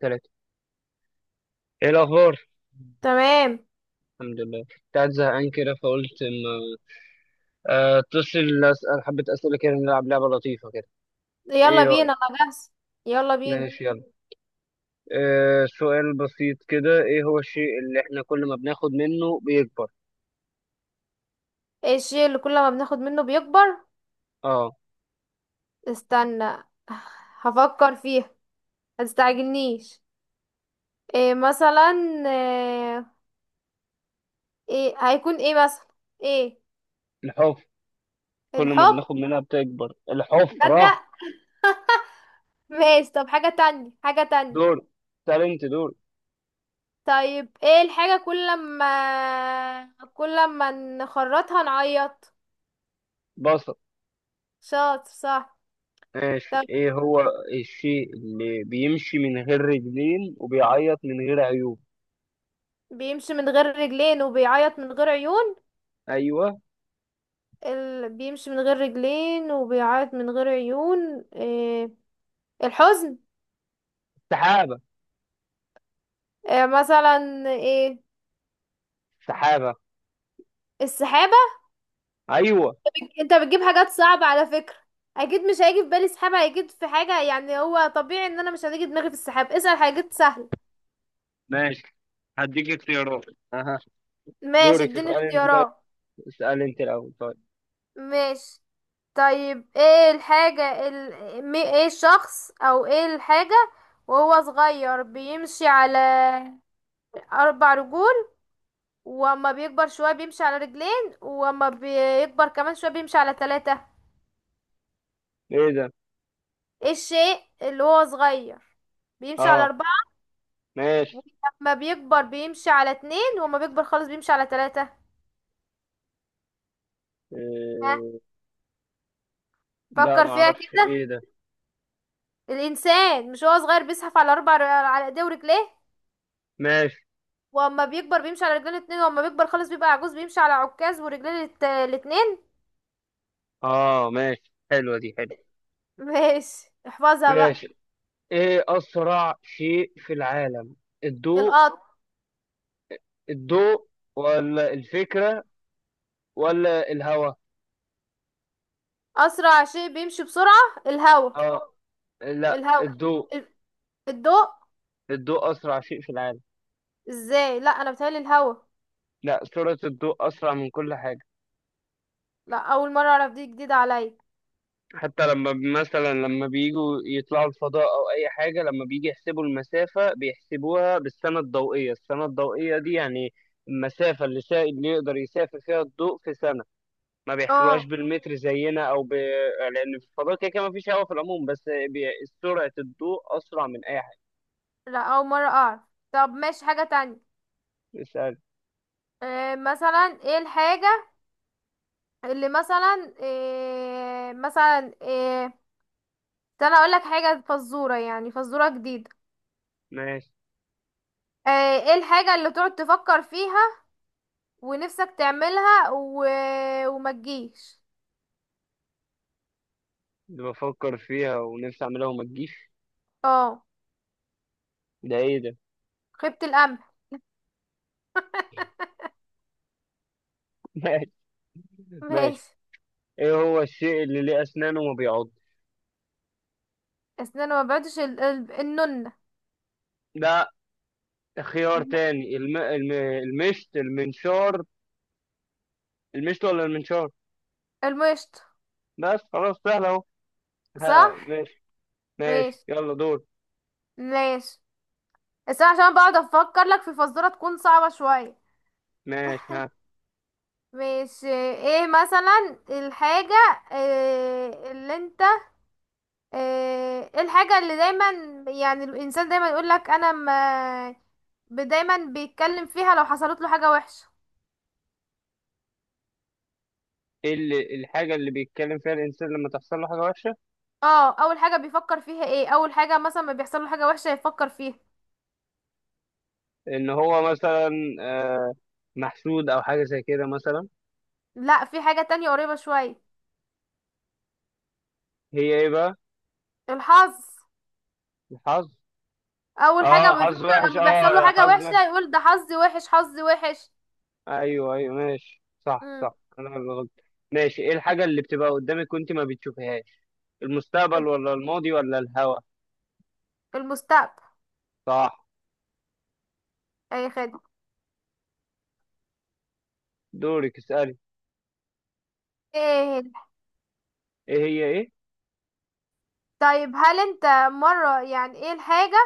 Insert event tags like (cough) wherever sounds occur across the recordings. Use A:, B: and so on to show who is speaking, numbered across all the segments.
A: تلاتة. ايه الأخبار؟
B: تمام.
A: الحمد لله، كنت قاعد زهقان كده فقلت اما اتصل أسأل حبة أسئلة كده، نلعب لعبة لطيفة كده.
B: يلا
A: ايه رأيك؟
B: بينا، انا جاهز. يلا بينا.
A: ماشي يلا. سؤال بسيط كده، ايه هو الشيء اللي احنا كل ما بناخد منه بيكبر؟
B: ايه الشيء اللي كل ما بناخد منه بيكبر؟
A: اه.
B: استنى، هفكر فيها. هتستعجلنيش. إيه مثلا؟ آه، ايه هيكون ايه مثلا ايه؟
A: الحفرة، كل ما
B: الحب.
A: بناخد منها بتكبر الحفرة.
B: تصدق؟ (laughs) ماشي. طب حاجة تانية، حاجة تانية.
A: دور، انت دور.
B: طيب، ايه الحاجة كل ما نخرطها نعيط؟
A: بصل.
B: شاطر. صح.
A: ماشي،
B: طب
A: ايه هو الشيء اللي بيمشي من غير رجلين وبيعيط من غير عيوب؟
B: بيمشي من غير رجلين وبيعيط من غير عيون؟
A: ايوه.
B: بيمشي من غير رجلين وبيعيط من غير عيون، إيه؟ الحزن.
A: السحابة،
B: إيه مثلا؟ ايه؟
A: السحابة.
B: السحابة.
A: ايوه.
B: انت بتجيب حاجات صعبة على فكرة. اكيد مش هيجي في بالي سحابة، هيجي في حاجة، يعني هو طبيعي ان انا مش هتيجي دماغي في السحاب. اسأل حاجات سهلة.
A: ماشي، هديك اختيارات، اها.
B: ماشي،
A: دورك
B: اديني
A: اسألي انت، طيب
B: اختيارات.
A: اسألي انت الاول طيب.
B: ماشي. طيب، ايه الحاجة ايه الشخص او ايه الحاجة وهو صغير بيمشي على اربع رجول، واما بيكبر شوية بيمشي على رجلين، واما بيكبر كمان شوية بيمشي على ثلاثة؟
A: ايه ده؟
B: ايه الشيء اللي هو صغير بيمشي على
A: اه
B: أربعة،
A: ماشي.
B: ولما بيكبر بيمشي على اتنين، واما بيكبر خالص بيمشي على ثلاثة؟ ها.
A: إيه... لا ما
B: فكر فيها
A: اعرفش ايه
B: كده.
A: ده.
B: الإنسان، مش هو صغير بيزحف على على ايديه ورجليه،
A: ماشي،
B: واما بيكبر بيمشي على رجلين اتنين، واما بيكبر خالص بيبقى عجوز بيمشي على عكاز ورجلين الاتنين.
A: اه ماشي، حلوة دي حلوة.
B: (laughs) ماشي، احفظها بقى.
A: ماشي، ايه اسرع شيء في العالم؟ الضوء،
B: القط.
A: الضوء ولا الفكرة ولا الهواء؟
B: أسرع شيء بيمشي بسرعة الهوا.
A: اه. لا،
B: الهوا.
A: الضوء.
B: ال- الضوء.
A: الضوء اسرع شيء في العالم.
B: ازاي؟ لا، انا بتهيألي الهوا.
A: لا، سرعة الضوء اسرع من كل حاجة.
B: لا، اول مرة اعرف، دي جديدة عليا.
A: حتى لما مثلا لما بيجوا يطلعوا الفضاء او اي حاجه، لما بيجي يحسبوا المسافه بيحسبوها بالسنه الضوئيه. السنه الضوئيه دي يعني المسافه اللي اللي يقدر يسافر فيها الضوء في سنه. ما بيحسبوهاش
B: اه.
A: بالمتر زينا لان في الفضاء كده كده ما فيش هواء في العموم. بس بي... سرعه الضوء اسرع من اي حاجه.
B: لا، اول مرة اعرف. طب ماشي، حاجة تانية.
A: اسال.
B: مثلا ايه الحاجة اللي مثلا؟ إيه مثلا؟ إيه؟ استنى، اقول لك حاجة فزورة، يعني فزورة جديدة.
A: ماشي.
B: آه. ايه الحاجة اللي تقعد تفكر فيها ونفسك تعملها وما تجيش؟
A: اللي بفكر فيها ونفسي اعملها وما تجيش،
B: اه.
A: ده ايه ده؟
B: خيبة الامل.
A: (laughs) ماشي ماشي.
B: ماشي.
A: ايه هو الشيء اللي ليه اسنان وما بيعض؟
B: اسنان ما بعدش النونة.
A: ده خيار
B: الم-
A: تاني. المشت المنشار، المشت ولا المنشار؟
B: المشط.
A: بس خلاص سهل اهو. ها
B: صح.
A: ماشي. ماشي
B: ماشي
A: يلا دور.
B: ماشي. بس أنا عشان بقعد افكر لك في فزورة تكون صعبة شوية.
A: ماشي ها.
B: مش ايه مثلا الحاجة؟ إيه اللي انت؟ ايه، إيه الحاجة اللي دايما، يعني الانسان دايما يقول لك انا ما دايما بيتكلم فيها لو حصلت له حاجة وحشة؟
A: ايه اللي الحاجة اللي بيتكلم فيها الإنسان لما تحصل له حاجة وحشة؟
B: اه، اول حاجة بيفكر فيها، ايه اول حاجة مثلا ما بيحصل له حاجة وحشة يفكر فيها؟
A: إن هو مثلا، آه محسود أو حاجة زي كده مثلا.
B: لا، في حاجة تانية قريبة شوية.
A: هي ايه بقى؟
B: الحظ.
A: الحظ.
B: اول
A: اه
B: حاجة ما
A: حظ
B: بيفكر
A: وحش،
B: لما بيحصل له
A: اه
B: حاجة
A: حظ وحش.
B: وحشة يقول ده حظي وحش، حظي وحش.
A: ايوه ايوه، ماشي، صح
B: مم.
A: صح، انا اللي غلط. ماشي، ايه الحاجة اللي بتبقى قدامك وانت ما بتشوفهاش؟ المستقبل ولا الماضي ولا الهوا؟
B: المستقبل.
A: صح.
B: اي خدمة.
A: دورك اسألي.
B: ايه؟
A: ايه هي ايه؟
B: طيب هل انت مرة، يعني ايه الحاجة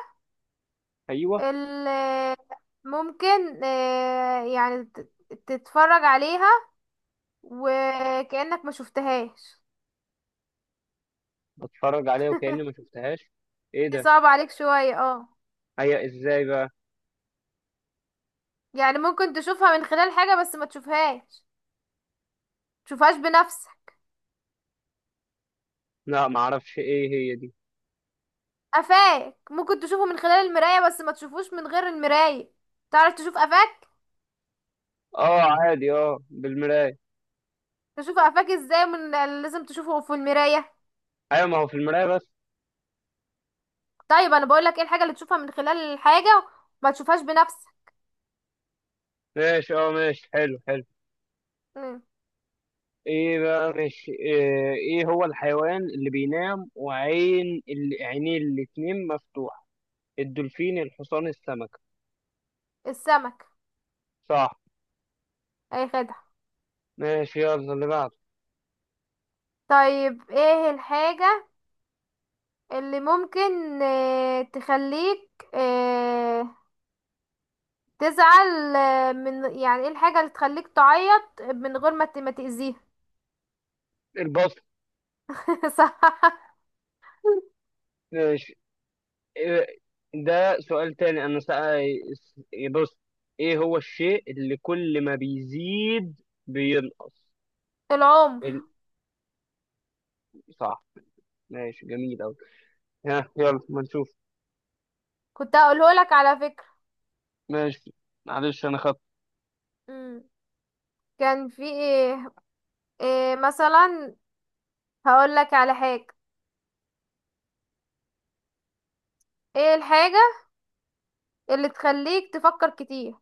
A: ايوه.
B: اللي ممكن يعني تتفرج عليها وكأنك ما شفتهاش؟
A: بتفرج عليها وكأني ما شفتهاش، ايه
B: دي
A: ده؟
B: صعبة عليك شوية، اه.
A: هي ازاي بقى؟
B: يعني ممكن تشوفها من خلال حاجة بس ما تشوفهاش، تشوفهاش بنفسك.
A: لا ما اعرفش ايه هي دي.
B: قفاك ممكن تشوفه من خلال المراية بس ما تشوفوش من غير المراية. تعرف تشوف قفاك؟
A: اه عادي، اه بالمراية.
B: تشوف قفاك ازاي من؟ لازم تشوفه في المراية.
A: ايوه، ما هو في المراية بس.
B: طيب انا بقولك ايه الحاجة اللي تشوفها من خلال الحاجة، ما تشوفهاش بنفسك.
A: ماشي، اه ماشي، حلو حلو.
B: مم.
A: ايه بقى ماشي ايه، ايه هو الحيوان اللي بينام عينيه الاتنين مفتوحة؟ الدولفين، الحصان، السمكة؟
B: السمك.
A: صح.
B: اي خدعة.
A: ماشي يلا اللي بعده.
B: طيب، ايه الحاجة اللي ممكن تخليك تزعل من، يعني ايه الحاجة اللي تخليك تعيط من غير ما ما تأذيها؟
A: البط.
B: (laughs) صح.
A: ماشي. إيه- ده سؤال تاني. بص، ايه هو الشيء اللي كل ما بيزيد بينقص؟
B: العمر.
A: ال... صح. ماشي جميل اوي. ها يلا ما نشوف.
B: كنت هقوله لك على فكرة.
A: ماشي، معلش انا خدت.
B: مم. كان في ايه؟ إيه مثلا؟ هقول لك على حاجة. ايه الحاجة اللي تخليك تفكر كتير؟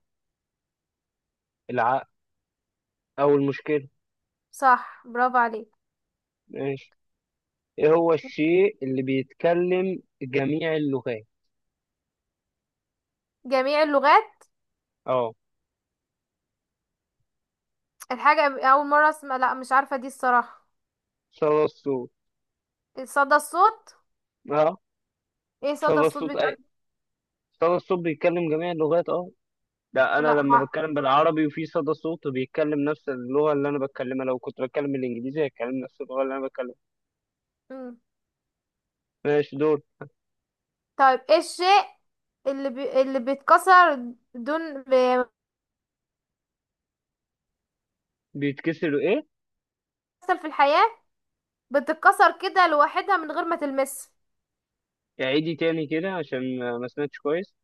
A: العقل او المشكلة.
B: صح، برافو عليك.
A: ماشي، ايه هو الشيء اللي بيتكلم جميع اللغات؟
B: جميع اللغات؟
A: اه.
B: الحاجة أول مرة اسمع، لا مش عارفة دي الصراحة.
A: صدى الصوت.
B: صدى الصوت.
A: اه
B: ايه صدى
A: صدى
B: الصوت
A: الصوت
B: بتاع؟
A: اي؟ صدى الصوت بيتكلم جميع اللغات، اه. ده انا
B: لا.
A: لما بتكلم بالعربي وفي صدى صوت بيتكلم نفس اللغه اللي انا بتكلمها، لو كنت بتكلم بالانجليزي هيتكلم نفس اللغه اللي انا بتكلمها.
B: مم.
A: ماشي دول.
B: طيب، ايه الشيء اللي بيتكسر دون بيحصل
A: بيتكسروا ايه؟
B: في الحياة، بتتكسر كده لوحدها من غير ما تلمسه؟
A: اعيدي تاني كده عشان ما سمعتش كويس.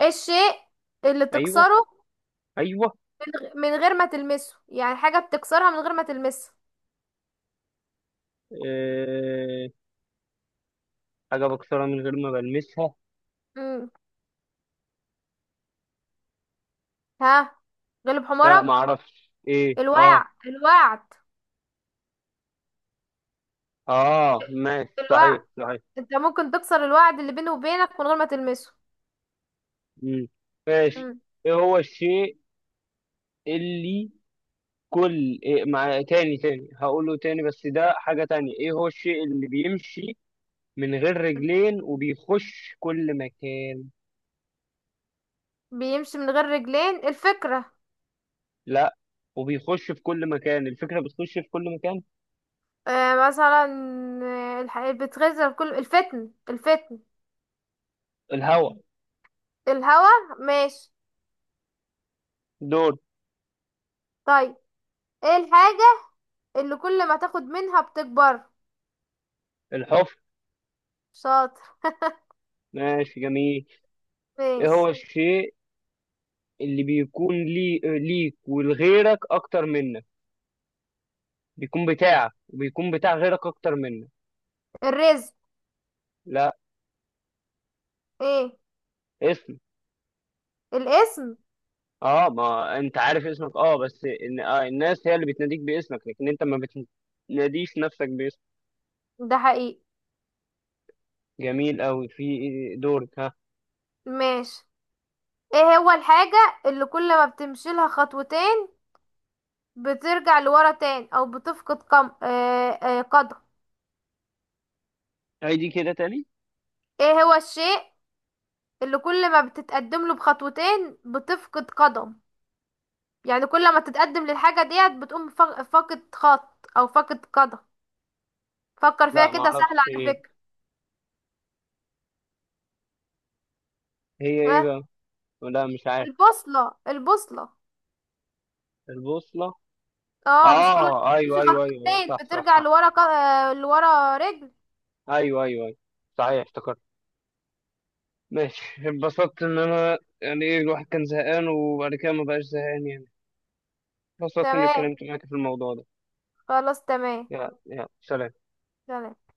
B: ايه الشيء اللي
A: ايوه
B: تكسره
A: ايوه.
B: من غير ما تلمسه، يعني حاجة بتكسرها من غير ما تلمسه؟
A: أه... حاجه بكسرها من غير ما بلمسها.
B: مم. ها. غلب
A: لا ما
B: حمارك؟
A: اعرفش ايه
B: الوعد،
A: اه.
B: الوعد.
A: اه ماشي،
B: الوعد،
A: صحيح صحيح.
B: انت ممكن تكسر الوعد اللي بينه وبينك من غير ما تلمسه.
A: مم. ماشي.
B: مم.
A: ايه هو الشيء اللي كل إيه مع تاني تاني هقوله تاني، بس ده حاجة تانية. ايه هو الشيء اللي بيمشي من غير رجلين وبيخش كل مكان؟
B: بيمشي من غير رجلين، الفكرة.
A: لا. وبيخش في كل مكان، الفكرة بتخش في كل مكان.
B: مثلا بتغذي كل الفتن، الفتن.
A: الهواء.
B: الهوا. ماشي.
A: دور.
B: طيب، ايه الحاجة اللي كل ما تاخد منها بتكبر؟
A: الحفر.
B: شاطر.
A: ماشي جميل. ايه هو
B: ماشي.
A: الشيء اللي ليك ولغيرك اكتر منك؟ بيكون بتاعك وبيكون بتاع غيرك اكتر منك.
B: الرزق.
A: لا.
B: ايه؟
A: اسم.
B: الاسم.
A: اه ما انت عارف اسمك، اه بس إن... آه الناس هي اللي بتناديك باسمك لكن انت ما بتناديش نفسك باسمك.
B: ده حقيقي.
A: جميل قوي في. دورك ها.
B: ماشي. ايه هو الحاجة اللي كل ما بتمشي لها خطوتين بترجع لورا تاني او بتفقد قدم؟
A: هيدي كده تاني.
B: ايه هو الشيء اللي كل ما بتتقدم له بخطوتين بتفقد قدم؟ يعني كل ما تتقدم للحاجة ديت بتقوم فاقد خط او فاقد قدم. فكر فيها
A: لا ما
B: كده، سهلة
A: اعرفش.
B: على فكرة.
A: هي ايه
B: ها.
A: بقى؟ لا مش عارف.
B: البوصلة، البوصلة.
A: البوصلة.
B: اه، مش كل ما
A: اه ايوه
B: تمشي
A: ايوه ايوه أيوه،
B: خطوتين
A: صح صح
B: بترجع
A: صح.
B: لورا لورا رجل.
A: ايوه ايوه ايوه، صحيح افتكرت. ماشي. اتبسطت ان انا يعني، ايه الواحد كان زهقان وبعد كده ما بقاش زهقان يعني. اتبسطت اني
B: تمام.
A: اتكلمت معاك في الموضوع ده.
B: خلاص، تمام.
A: يلا يلا سلام.
B: تمام.